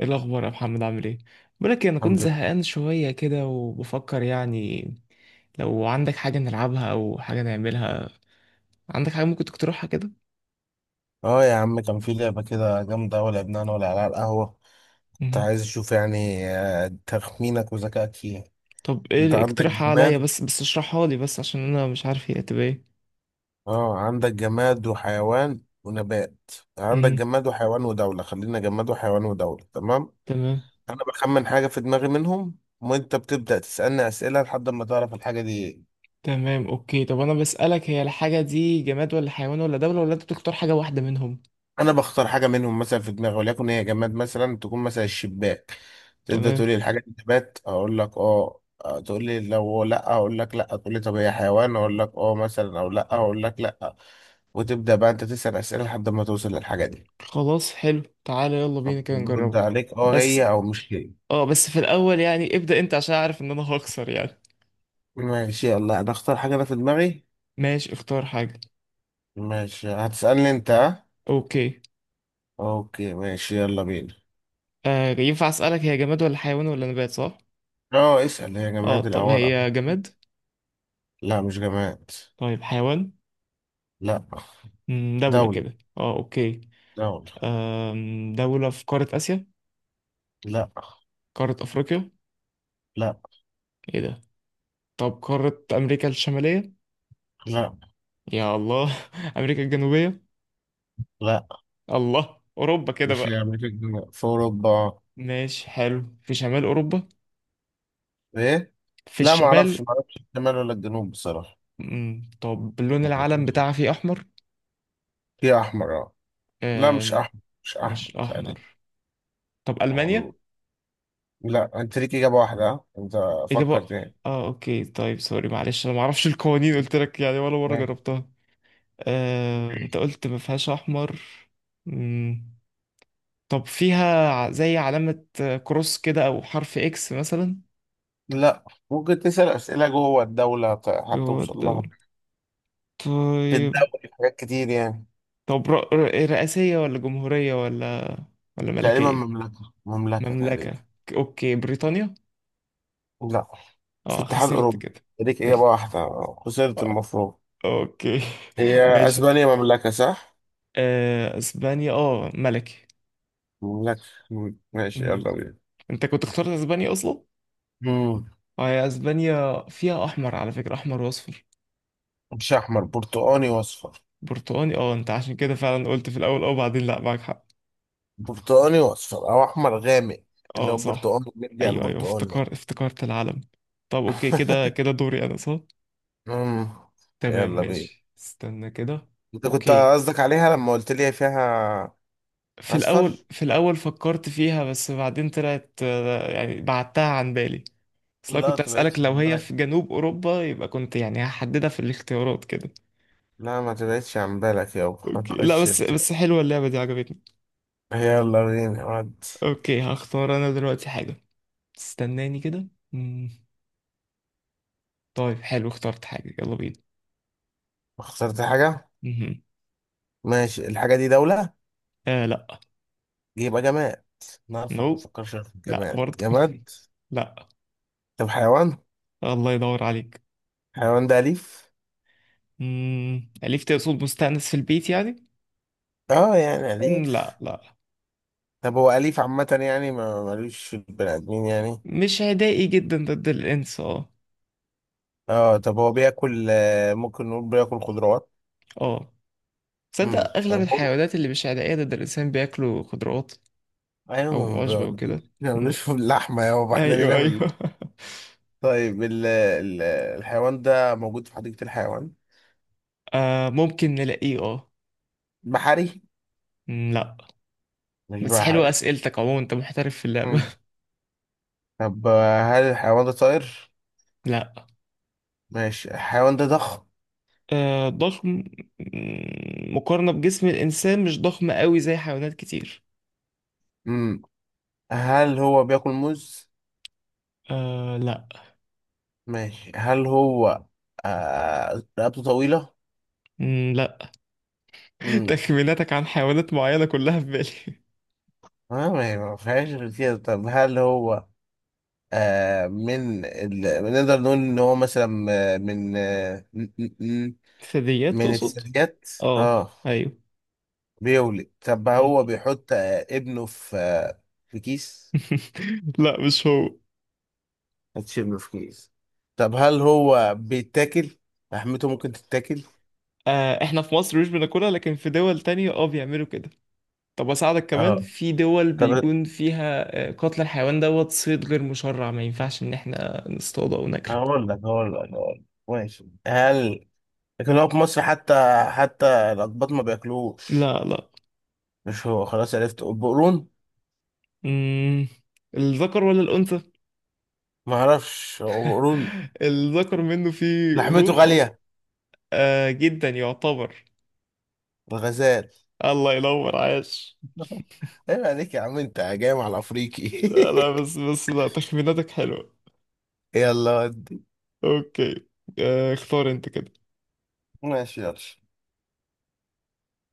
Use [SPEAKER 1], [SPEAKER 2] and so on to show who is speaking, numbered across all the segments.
[SPEAKER 1] ايه الاخبار يا محمد؟ عامل ايه؟ بقولك إيه، انا كنت
[SPEAKER 2] الحمد لله.
[SPEAKER 1] زهقان شويه كده وبفكر يعني. لو عندك حاجه نلعبها او حاجه نعملها. عندك حاجه ممكن تقترحها كده؟
[SPEAKER 2] اه يا عم، كان في لعبة كده جامدة أوي لعبناها أنا والعيال على القهوة. كنت
[SPEAKER 1] مهم.
[SPEAKER 2] عايز أشوف يعني تخمينك وذكائك فيها.
[SPEAKER 1] طب
[SPEAKER 2] أنت
[SPEAKER 1] ايه،
[SPEAKER 2] عندك
[SPEAKER 1] اقترحها عليا
[SPEAKER 2] جماد.
[SPEAKER 1] بس بس اشرحها لي بس عشان انا مش عارف هي هتبقى ايه.
[SPEAKER 2] اه، عندك جماد وحيوان ونبات. عندك
[SPEAKER 1] مهم.
[SPEAKER 2] جماد وحيوان ودولة، خلينا جماد وحيوان ودولة، تمام.
[SPEAKER 1] تمام.
[SPEAKER 2] أنا بخمن حاجة في دماغي منهم، وأنت بتبدأ تسألني أسئلة لحد ما تعرف الحاجة دي إيه.
[SPEAKER 1] تمام اوكي، طب انا بسالك، هي الحاجه دي جماد ولا حيوان ولا دوله، ولا انت بتختار حاجه واحده منهم؟
[SPEAKER 2] انا بختار حاجه منهم مثلا في دماغي، وليكن هي جماد مثلا، تكون مثلا الشباك. تبدا
[SPEAKER 1] تمام.
[SPEAKER 2] تقول لي الحاجه دي نبات، اقول لك اه، تقول لي لو لا اقول لك لا، تقول لي طب هي حيوان اقول لك اه مثلا او لا اقول لك لا. وتبدا بقى انت تسال اسئله لحد ما توصل للحاجه دي.
[SPEAKER 1] خلاص حلو، تعالى يلا بينا
[SPEAKER 2] طب
[SPEAKER 1] كده
[SPEAKER 2] برد
[SPEAKER 1] نجربه.
[SPEAKER 2] عليك اه،
[SPEAKER 1] بس.
[SPEAKER 2] هي او مش هي.
[SPEAKER 1] اه بس في الاول يعني ابدا انت عشان اعرف ان انا هخسر يعني.
[SPEAKER 2] ماشي، يلا انا اختار حاجه انا في دماغي.
[SPEAKER 1] ماشي اختار حاجة.
[SPEAKER 2] ماشي هتسالني انت ها؟
[SPEAKER 1] اوكي.
[SPEAKER 2] اوكي ماشي يلا بينا.
[SPEAKER 1] آه، ينفع اسألك هي جماد ولا حيوان ولا نبات صح؟
[SPEAKER 2] اه اسال هي
[SPEAKER 1] اه
[SPEAKER 2] جماد
[SPEAKER 1] طب
[SPEAKER 2] الاول.
[SPEAKER 1] هي جماد؟
[SPEAKER 2] لا مش جماد.
[SPEAKER 1] طيب حيوان؟
[SPEAKER 2] لا.
[SPEAKER 1] دولة
[SPEAKER 2] دولة.
[SPEAKER 1] كده، اه اوكي.
[SPEAKER 2] دولة.
[SPEAKER 1] دولة في قارة آسيا؟
[SPEAKER 2] لا.
[SPEAKER 1] قارة أفريقيا؟
[SPEAKER 2] لا.
[SPEAKER 1] ايه ده. طب قارة أمريكا الشمالية؟
[SPEAKER 2] لا.
[SPEAKER 1] يا الله أمريكا الجنوبية؟
[SPEAKER 2] لا.
[SPEAKER 1] الله، أوروبا كده
[SPEAKER 2] مش
[SPEAKER 1] بقى.
[SPEAKER 2] مش الجنوب في أوروبا.
[SPEAKER 1] ماشي حلو، في شمال أوروبا؟
[SPEAKER 2] إيه؟
[SPEAKER 1] في
[SPEAKER 2] لا، ما
[SPEAKER 1] الشمال.
[SPEAKER 2] أعرفش ما أعرفش الشمال ولا الجنوب بصراحة.
[SPEAKER 1] طب لون العلم بتاعها فيه أحمر؟
[SPEAKER 2] في أحمر أه. لا مش
[SPEAKER 1] آم،
[SPEAKER 2] أحمر، مش أحمر
[SPEAKER 1] مش
[SPEAKER 2] تقريبا.
[SPEAKER 1] أحمر. طب ألمانيا؟
[SPEAKER 2] معروف. لا أنت ليك إجابة واحدة أنت
[SPEAKER 1] إجابة.
[SPEAKER 2] فكر تاني.
[SPEAKER 1] اه اوكي طيب، سوري معلش انا ما اعرفش القوانين، قلت لك يعني، ولا مرة
[SPEAKER 2] إيه؟
[SPEAKER 1] جربتها. انت قلت ما فيهاش احمر. مم. طب فيها زي علامة، كروس كده، او حرف اكس مثلا؟
[SPEAKER 2] لا. ممكن تسأل أسئلة جوه الدولة،
[SPEAKER 1] جوه
[SPEAKER 2] هتوصل لها.
[SPEAKER 1] الدولة.
[SPEAKER 2] في
[SPEAKER 1] طيب.
[SPEAKER 2] الدولة حاجات كتير يعني.
[SPEAKER 1] طب رئاسية ولا جمهورية، ولا ولا
[SPEAKER 2] تقريبا
[SPEAKER 1] ملكية؟
[SPEAKER 2] مملكة، مملكة تقريبا.
[SPEAKER 1] مملكة. اوكي بريطانيا؟
[SPEAKER 2] لا. في
[SPEAKER 1] اه
[SPEAKER 2] اتحاد
[SPEAKER 1] خسرت
[SPEAKER 2] أوروبي،
[SPEAKER 1] كده.
[SPEAKER 2] ليك إجابة
[SPEAKER 1] ال-
[SPEAKER 2] واحدة خسرت
[SPEAKER 1] آه،
[SPEAKER 2] المفروض.
[SPEAKER 1] اوكي.
[SPEAKER 2] هي
[SPEAKER 1] ماشي.
[SPEAKER 2] اسبانيا مملكة صح؟
[SPEAKER 1] اسبانيا اه ملكي.
[SPEAKER 2] مملكة. ماشي
[SPEAKER 1] مم.
[SPEAKER 2] يلا بينا.
[SPEAKER 1] انت كنت اخترت اسبانيا اصلا.
[SPEAKER 2] مم.
[SPEAKER 1] اه، هي اسبانيا فيها احمر على فكرة، احمر واصفر.
[SPEAKER 2] مش احمر، برتقاني واصفر.
[SPEAKER 1] برتقاني، اه، انت عشان كده فعلا قلت في الاول اه، وبعدين لا، معاك حق.
[SPEAKER 2] برتقاني واصفر او احمر غامق. اللي
[SPEAKER 1] اه
[SPEAKER 2] هو
[SPEAKER 1] صح.
[SPEAKER 2] برتقاني، بيدي على
[SPEAKER 1] ايوه ايوه،
[SPEAKER 2] البرتقاني يعني.
[SPEAKER 1] افتكرت العلم. طب اوكي، كده كده دوري انا صح.
[SPEAKER 2] مم.
[SPEAKER 1] تمام
[SPEAKER 2] يلا بينا.
[SPEAKER 1] ماشي، استنى كده.
[SPEAKER 2] انت كنت
[SPEAKER 1] اوكي.
[SPEAKER 2] قصدك عليها لما قلت لي فيها.
[SPEAKER 1] في الاول
[SPEAKER 2] اصفر؟
[SPEAKER 1] في الاول فكرت فيها، بس بعدين طلعت، يعني بعدتها عن بالي.
[SPEAKER 2] لا
[SPEAKER 1] اصل أنا
[SPEAKER 2] ما
[SPEAKER 1] كنت اسالك
[SPEAKER 2] تبعدش
[SPEAKER 1] لو
[SPEAKER 2] عن
[SPEAKER 1] هي
[SPEAKER 2] بالك.
[SPEAKER 1] في جنوب اوروبا يبقى كنت يعني هحددها في الاختيارات كده.
[SPEAKER 2] لا ما تبعدش عن بالك يابا
[SPEAKER 1] اوكي لا،
[SPEAKER 2] خش
[SPEAKER 1] بس
[SPEAKER 2] انت.
[SPEAKER 1] بس حلوه اللعبه دي، عجبتني.
[SPEAKER 2] يلا بينا ودي.
[SPEAKER 1] اوكي هختار انا دلوقتي حاجة. استناني كده. مم. طيب حلو، اخترت حاجة، يلا بينا.
[SPEAKER 2] اخترت حاجة.
[SPEAKER 1] مهم.
[SPEAKER 2] ماشي الحاجة دي دولة.
[SPEAKER 1] آه لا.
[SPEAKER 2] يبقى جماد. انا عارفك ما
[SPEAKER 1] نو.
[SPEAKER 2] تفكرش.
[SPEAKER 1] لا
[SPEAKER 2] جماد
[SPEAKER 1] برضه
[SPEAKER 2] جماد.
[SPEAKER 1] لا.
[SPEAKER 2] طب حيوان.
[SPEAKER 1] الله يدور عليك.
[SPEAKER 2] حيوان ده أليف؟
[SPEAKER 1] أليف تقصد مستأنس في البيت يعني؟
[SPEAKER 2] اه يعني
[SPEAKER 1] لا
[SPEAKER 2] أليف.
[SPEAKER 1] لا.
[SPEAKER 2] طب هو أليف عامة يعني، ما ملوش في البني آدمين يعني.
[SPEAKER 1] مش عدائي جدا ضد الإنس اه.
[SPEAKER 2] اه طب هو بياكل ممكن نقول بياكل خضروات.
[SPEAKER 1] اه. تصدق أغلب
[SPEAKER 2] طب هو.
[SPEAKER 1] الحيوانات اللي مش عدائية ضد الإنسان بياكلوا خضروات.
[SPEAKER 2] ايوه، ما
[SPEAKER 1] أو
[SPEAKER 2] هو
[SPEAKER 1] عشبة وكده.
[SPEAKER 2] ما
[SPEAKER 1] مم.
[SPEAKER 2] ملوش في اللحمة يابا، احنا
[SPEAKER 1] أيوه
[SPEAKER 2] لينا في
[SPEAKER 1] أيوه
[SPEAKER 2] اللحمة. طيب الحيوان ده موجود في حديقة الحيوان.
[SPEAKER 1] آه ممكن نلاقيه اه.
[SPEAKER 2] بحري.
[SPEAKER 1] لا.
[SPEAKER 2] مش
[SPEAKER 1] بس حلوة
[SPEAKER 2] بحري.
[SPEAKER 1] أسئلتك عموما، أنت محترف في اللعبة.
[SPEAKER 2] امم. طب هل الحيوان ده طائر؟
[SPEAKER 1] لا.
[SPEAKER 2] ماشي الحيوان ده ضخم.
[SPEAKER 1] آه، ضخم. مقارنة بجسم الإنسان مش ضخم قوي زي حيوانات كتير.
[SPEAKER 2] امم. هل هو بياكل موز؟
[SPEAKER 1] آه لا.
[SPEAKER 2] ماشي هل هو. آه رقبته طويلة؟
[SPEAKER 1] لا.
[SPEAKER 2] امم.
[SPEAKER 1] تخميناتك عن حيوانات معينة كلها في بالي.
[SPEAKER 2] آه ما هي ما فيهاش غير كده. طب هل هو آه من ال... نقدر نقول ان هو مثلا آه، من آه م- م- م-
[SPEAKER 1] ثدييات
[SPEAKER 2] من
[SPEAKER 1] تقصد؟
[SPEAKER 2] الثدييات.
[SPEAKER 1] اه
[SPEAKER 2] اه
[SPEAKER 1] ايوه.
[SPEAKER 2] بيولد. طب هو
[SPEAKER 1] مم.
[SPEAKER 2] بيحط آه ابنه في في كيس؟
[SPEAKER 1] لا مش هو.
[SPEAKER 2] حطش ابنه في كيس. طب هل هو بيتاكل؟ لحمته ممكن تتاكل؟
[SPEAKER 1] آه، احنا في مصر مش بناكلها، لكن في دول تانية اه بيعملوا كده. طب اساعدك كمان،
[SPEAKER 2] اه
[SPEAKER 1] في دول
[SPEAKER 2] طب.
[SPEAKER 1] بيكون فيها قتل الحيوان دوت صيد غير مشرع، ما ينفعش ان احنا نصطاده او ناكله.
[SPEAKER 2] هقول لك. ماشي هل. لكن هو في مصر حتى، حتى الأقباط ما بياكلوش.
[SPEAKER 1] لا لا.
[SPEAKER 2] مش هو، خلاص عرفت. البقرون.
[SPEAKER 1] مم. الذكر ولا الأنثى؟
[SPEAKER 2] ما اعرفش هو بقرون.
[SPEAKER 1] الذكر منه فيه
[SPEAKER 2] لحمته
[SPEAKER 1] قرون اه.
[SPEAKER 2] غالية.
[SPEAKER 1] آه، جدا يعتبر.
[SPEAKER 2] الغزال.
[SPEAKER 1] الله ينور عاش.
[SPEAKER 2] ايوه عليك يا عم، انت جاي مع الافريقي
[SPEAKER 1] لا لا، بس بس لا، تخميناتك حلوة.
[SPEAKER 2] يلا ود.
[SPEAKER 1] اوكي. اختار انت كده.
[SPEAKER 2] ماشي يلا.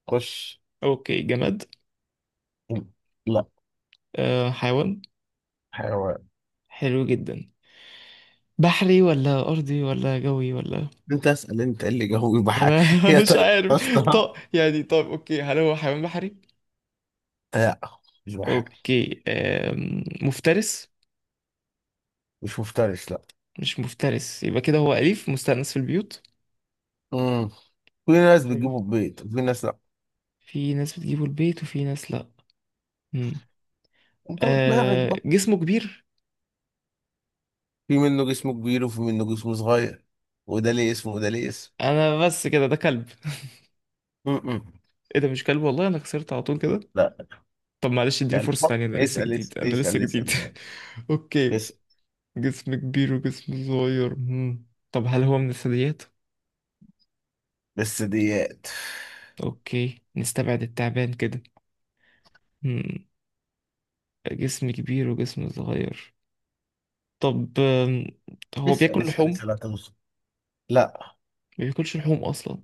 [SPEAKER 2] خش.
[SPEAKER 1] اوكي جماد؟
[SPEAKER 2] لا.
[SPEAKER 1] حيوان.
[SPEAKER 2] حيوان.
[SPEAKER 1] حلو جدا. بحري ولا ارضي ولا جوي ولا؟
[SPEAKER 2] انت اسال، انت إيه اللي جاوب
[SPEAKER 1] ما
[SPEAKER 2] بحاجة.
[SPEAKER 1] انا.
[SPEAKER 2] هي
[SPEAKER 1] مش
[SPEAKER 2] طيب
[SPEAKER 1] عارف.
[SPEAKER 2] بصراحة.
[SPEAKER 1] طب يعني طب اوكي، هل هو حيوان بحري؟
[SPEAKER 2] لا مش بحاجة.
[SPEAKER 1] اوكي مفترس؟
[SPEAKER 2] مش مفترس لا.
[SPEAKER 1] مش مفترس، يبقى كده هو اليف مستأنس في البيوت.
[SPEAKER 2] امم. في ناس
[SPEAKER 1] أيوة.
[SPEAKER 2] بتجيبه البيت وفي ناس لا.
[SPEAKER 1] في ناس بتجيبه البيت وفي ناس لا.
[SPEAKER 2] انت ودماغك
[SPEAKER 1] آه
[SPEAKER 2] بقى.
[SPEAKER 1] جسمه كبير.
[SPEAKER 2] في منه جسمه كبير وفي منه جسمه صغير. وده ليه اسم وده ليه اسم.
[SPEAKER 1] انا بس كده ده كلب
[SPEAKER 2] م-م.
[SPEAKER 1] ايه ده مش كلب؟ والله انا خسرت على طول كده.
[SPEAKER 2] لا
[SPEAKER 1] طب معلش
[SPEAKER 2] مش
[SPEAKER 1] اديني
[SPEAKER 2] كلب.
[SPEAKER 1] فرصة تانية، انا لسه
[SPEAKER 2] اسأل
[SPEAKER 1] جديد
[SPEAKER 2] اسأل
[SPEAKER 1] انا لسه
[SPEAKER 2] اسأل
[SPEAKER 1] جديد.
[SPEAKER 2] اسأل ماشي.
[SPEAKER 1] اوكي.
[SPEAKER 2] اسأل.
[SPEAKER 1] جسم كبير وجسم صغير. مم. طب هل هو من الثدييات؟
[SPEAKER 2] بس ديات.
[SPEAKER 1] اوكي نستبعد التعبان كده. مم. جسم كبير وجسم صغير. طب هو
[SPEAKER 2] اسأل
[SPEAKER 1] بياكل
[SPEAKER 2] اسأل
[SPEAKER 1] لحوم؟
[SPEAKER 2] اسأل هتوصل. لا.
[SPEAKER 1] ما بياكلش لحوم اصلا.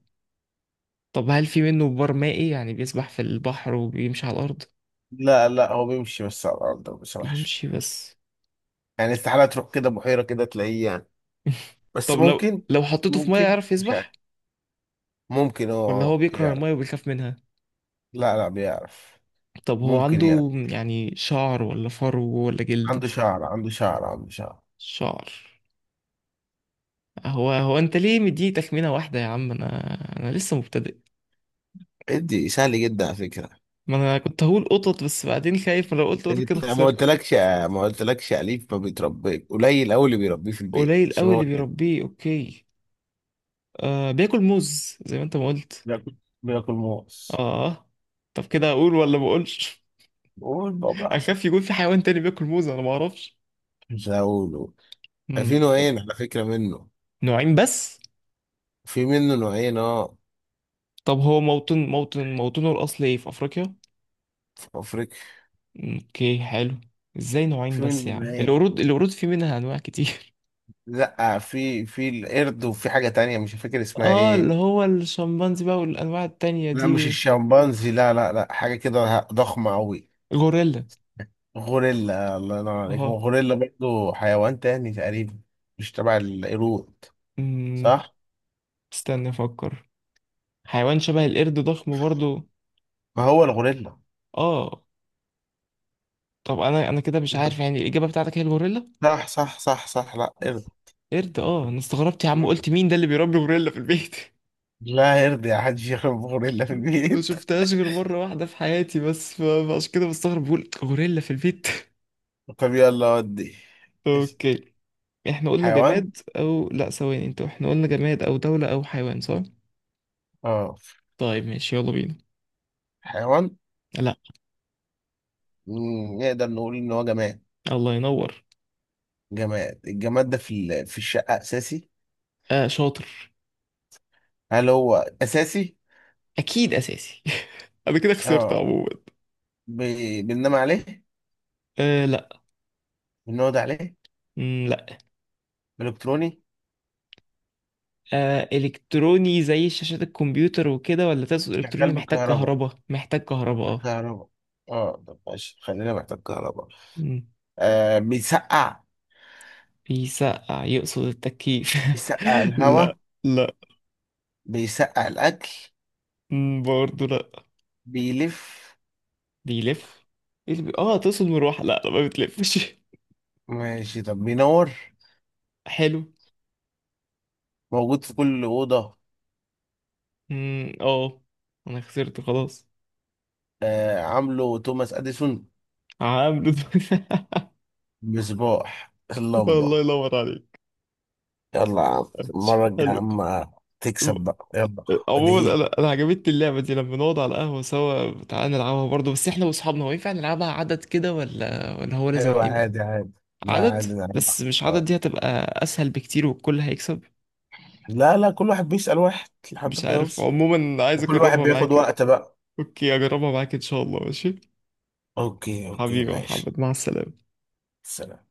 [SPEAKER 1] طب هل في منه بار مائي، يعني بيسبح في البحر وبيمشي على الارض؟
[SPEAKER 2] لا لا هو بيمشي بس على الأرض، ما بيسرحش.
[SPEAKER 1] بيمشي بس.
[SPEAKER 2] يعني استحالة تروح كده بحيرة كده تلاقيه يعني. بس
[SPEAKER 1] طب لو
[SPEAKER 2] ممكن.
[SPEAKER 1] لو حطيته في ميه
[SPEAKER 2] ممكن
[SPEAKER 1] يعرف
[SPEAKER 2] مش
[SPEAKER 1] يسبح؟
[SPEAKER 2] عارف. ممكن اه
[SPEAKER 1] ولا هو بيكره
[SPEAKER 2] يعرف.
[SPEAKER 1] الميه وبيخاف منها؟
[SPEAKER 2] لا لا بيعرف.
[SPEAKER 1] طب هو
[SPEAKER 2] ممكن يعرف.
[SPEAKER 1] عنده يعني شعر ولا فرو ولا
[SPEAKER 2] عنده
[SPEAKER 1] جلد؟
[SPEAKER 2] شعر عنده شعر عنده شعر.
[SPEAKER 1] شعر. هو انت ليه مديني تخمينه واحده يا عم، انا انا لسه مبتدئ.
[SPEAKER 2] ادي سهل جدا على فكرة.
[SPEAKER 1] ما انا كنت هقول قطط، بس بعدين خايف، ما لو قلت قطط كده
[SPEAKER 2] انت ما
[SPEAKER 1] خسرت.
[SPEAKER 2] قلتلكش، ما قلتلكش اليف، ما بيتربيش، قليل قوي اللي بيربيه في البيت
[SPEAKER 1] قليل
[SPEAKER 2] عشان
[SPEAKER 1] قوي
[SPEAKER 2] هو
[SPEAKER 1] اللي
[SPEAKER 2] كده.
[SPEAKER 1] بيربيه، اوكي. آه بياكل موز زي ما انت ما قلت.
[SPEAKER 2] بياكل. بياكل موز.
[SPEAKER 1] اه. طب كده اقول ولا ما اقولش؟
[SPEAKER 2] قول بقى براحتك.
[SPEAKER 1] اخاف يكون في حيوان تاني بياكل موز، انا ما اعرفش.
[SPEAKER 2] مش هقوله. في
[SPEAKER 1] طب.
[SPEAKER 2] نوعين على فكرة منه.
[SPEAKER 1] نوعين بس؟
[SPEAKER 2] في منه نوعين اه.
[SPEAKER 1] طب هو موطنه الأصلي ايه، في أفريقيا؟
[SPEAKER 2] في افريقيا.
[SPEAKER 1] اوكي حلو. ازاي نوعين
[SPEAKER 2] في منه
[SPEAKER 1] بس يا عم،
[SPEAKER 2] نوعين.
[SPEAKER 1] القرود القرود في منها أنواع كتير.
[SPEAKER 2] لا في القرد وفي حاجة تانية مش فاكر اسمها
[SPEAKER 1] اه،
[SPEAKER 2] ايه.
[SPEAKER 1] اللي هو الشمبانزي بقى والأنواع التانية
[SPEAKER 2] لا
[SPEAKER 1] دي
[SPEAKER 2] مش
[SPEAKER 1] وال-
[SPEAKER 2] الشمبانزي، لا لا لا حاجة كده ضخمة قوي.
[SPEAKER 1] الغوريلا.
[SPEAKER 2] غوريلا الله ينور عليك. ما هو
[SPEAKER 1] اه.
[SPEAKER 2] غوريلا برضه حيوان تاني تقريبا. مش تبع القرود.
[SPEAKER 1] أمم،
[SPEAKER 2] صح.
[SPEAKER 1] استنى أفكر. حيوان شبه القرد، ضخم برضو.
[SPEAKER 2] ما هو الغوريلا.
[SPEAKER 1] اه. طب أنا كده مش عارف يعني، الإجابة بتاعتك هي الغوريلا؟
[SPEAKER 2] صح صح صح صح. لا ارضى.
[SPEAKER 1] بس. قرد اه، أنا استغربت يا عم،
[SPEAKER 2] مم.
[SPEAKER 1] قلت مين ده اللي بيربي غوريلا في البيت؟
[SPEAKER 2] لا يرضي حد يشرب غوريلا في
[SPEAKER 1] ما
[SPEAKER 2] البيت.
[SPEAKER 1] شفتهاش غير مرة واحدة في حياتي، بس فعشان كده بستغرب، بقول غوريلا في البيت
[SPEAKER 2] طب يلا ودي. إيش-
[SPEAKER 1] اوكي. احنا قلنا
[SPEAKER 2] حيوان.
[SPEAKER 1] جماد، او لا ثواني انت، احنا قلنا جماد او دولة او حيوان صح؟
[SPEAKER 2] اه
[SPEAKER 1] طيب ماشي يلا بينا.
[SPEAKER 2] حيوان.
[SPEAKER 1] لا.
[SPEAKER 2] مم، نقدر نقول ان هو جماد.
[SPEAKER 1] الله ينور.
[SPEAKER 2] جماد. الجماد ده في في الشقة اساسي.
[SPEAKER 1] آه شاطر.
[SPEAKER 2] هل هو اساسي.
[SPEAKER 1] اكيد اساسي. انا كده خسرت
[SPEAKER 2] اه
[SPEAKER 1] عموما.
[SPEAKER 2] بننام عليه.
[SPEAKER 1] آه لا.
[SPEAKER 2] بنقعد عليه.
[SPEAKER 1] لا.
[SPEAKER 2] الكتروني.
[SPEAKER 1] آه الكتروني، زي شاشات الكمبيوتر وكده، ولا تقصد
[SPEAKER 2] شغال
[SPEAKER 1] الكتروني محتاج
[SPEAKER 2] بالكهرباء.
[SPEAKER 1] كهرباء؟ محتاج كهرباء اه.
[SPEAKER 2] بالكهرباء. اه طب ماشي، خلينا محتاج كهرباء.
[SPEAKER 1] مم،
[SPEAKER 2] بيسقع.
[SPEAKER 1] بيسقع يقصد التكييف.
[SPEAKER 2] بيسقع الهواء.
[SPEAKER 1] لا. لا.
[SPEAKER 2] بيسقع الاكل.
[SPEAKER 1] برضه لا.
[SPEAKER 2] بيلف.
[SPEAKER 1] بيلف. إيه اللي تقصد مروحة؟ لا لا ما بتلفش
[SPEAKER 2] ماشي طب بينور.
[SPEAKER 1] حلو.
[SPEAKER 2] موجود في كل أوضة.
[SPEAKER 1] اه. انا خسرت خلاص.
[SPEAKER 2] آه عامله توماس أديسون.
[SPEAKER 1] هعمل.
[SPEAKER 2] مصباح.
[SPEAKER 1] الله
[SPEAKER 2] اللمبة.
[SPEAKER 1] ينور عليك.
[SPEAKER 2] يلا يا عم،
[SPEAKER 1] ماشي،
[SPEAKER 2] المرة الجاية يا
[SPEAKER 1] حلو.
[SPEAKER 2] عم تكسب بقى يلا.
[SPEAKER 1] عموما
[SPEAKER 2] ادعيلي.
[SPEAKER 1] انا عجبتني اللعبه دي، لما نقعد على القهوه سوا تعالى نلعبها برضه، بس احنا واصحابنا، هو ينفع نلعبها عدد كده، ولا هو لازم
[SPEAKER 2] أيوة
[SPEAKER 1] اتنين؟
[SPEAKER 2] عادي عادي. لا
[SPEAKER 1] عدد.
[SPEAKER 2] عادي، لا عادي.
[SPEAKER 1] بس مش عدد،
[SPEAKER 2] آه.
[SPEAKER 1] دي هتبقى اسهل بكتير والكل هيكسب.
[SPEAKER 2] لا لا، كل واحد بيسأل واحد
[SPEAKER 1] مش
[SPEAKER 2] لحد ما
[SPEAKER 1] عارف
[SPEAKER 2] يوصل.
[SPEAKER 1] عموما، عايز
[SPEAKER 2] وكل واحد
[SPEAKER 1] اجربها
[SPEAKER 2] بياخد
[SPEAKER 1] معاك.
[SPEAKER 2] وقت بقى.
[SPEAKER 1] اوكي اجربها معاك ان شاء الله، ماشي.
[SPEAKER 2] أوكي أوكي
[SPEAKER 1] حبيبي يا
[SPEAKER 2] ماشي.
[SPEAKER 1] محمد مع السلامه.
[SPEAKER 2] سلام.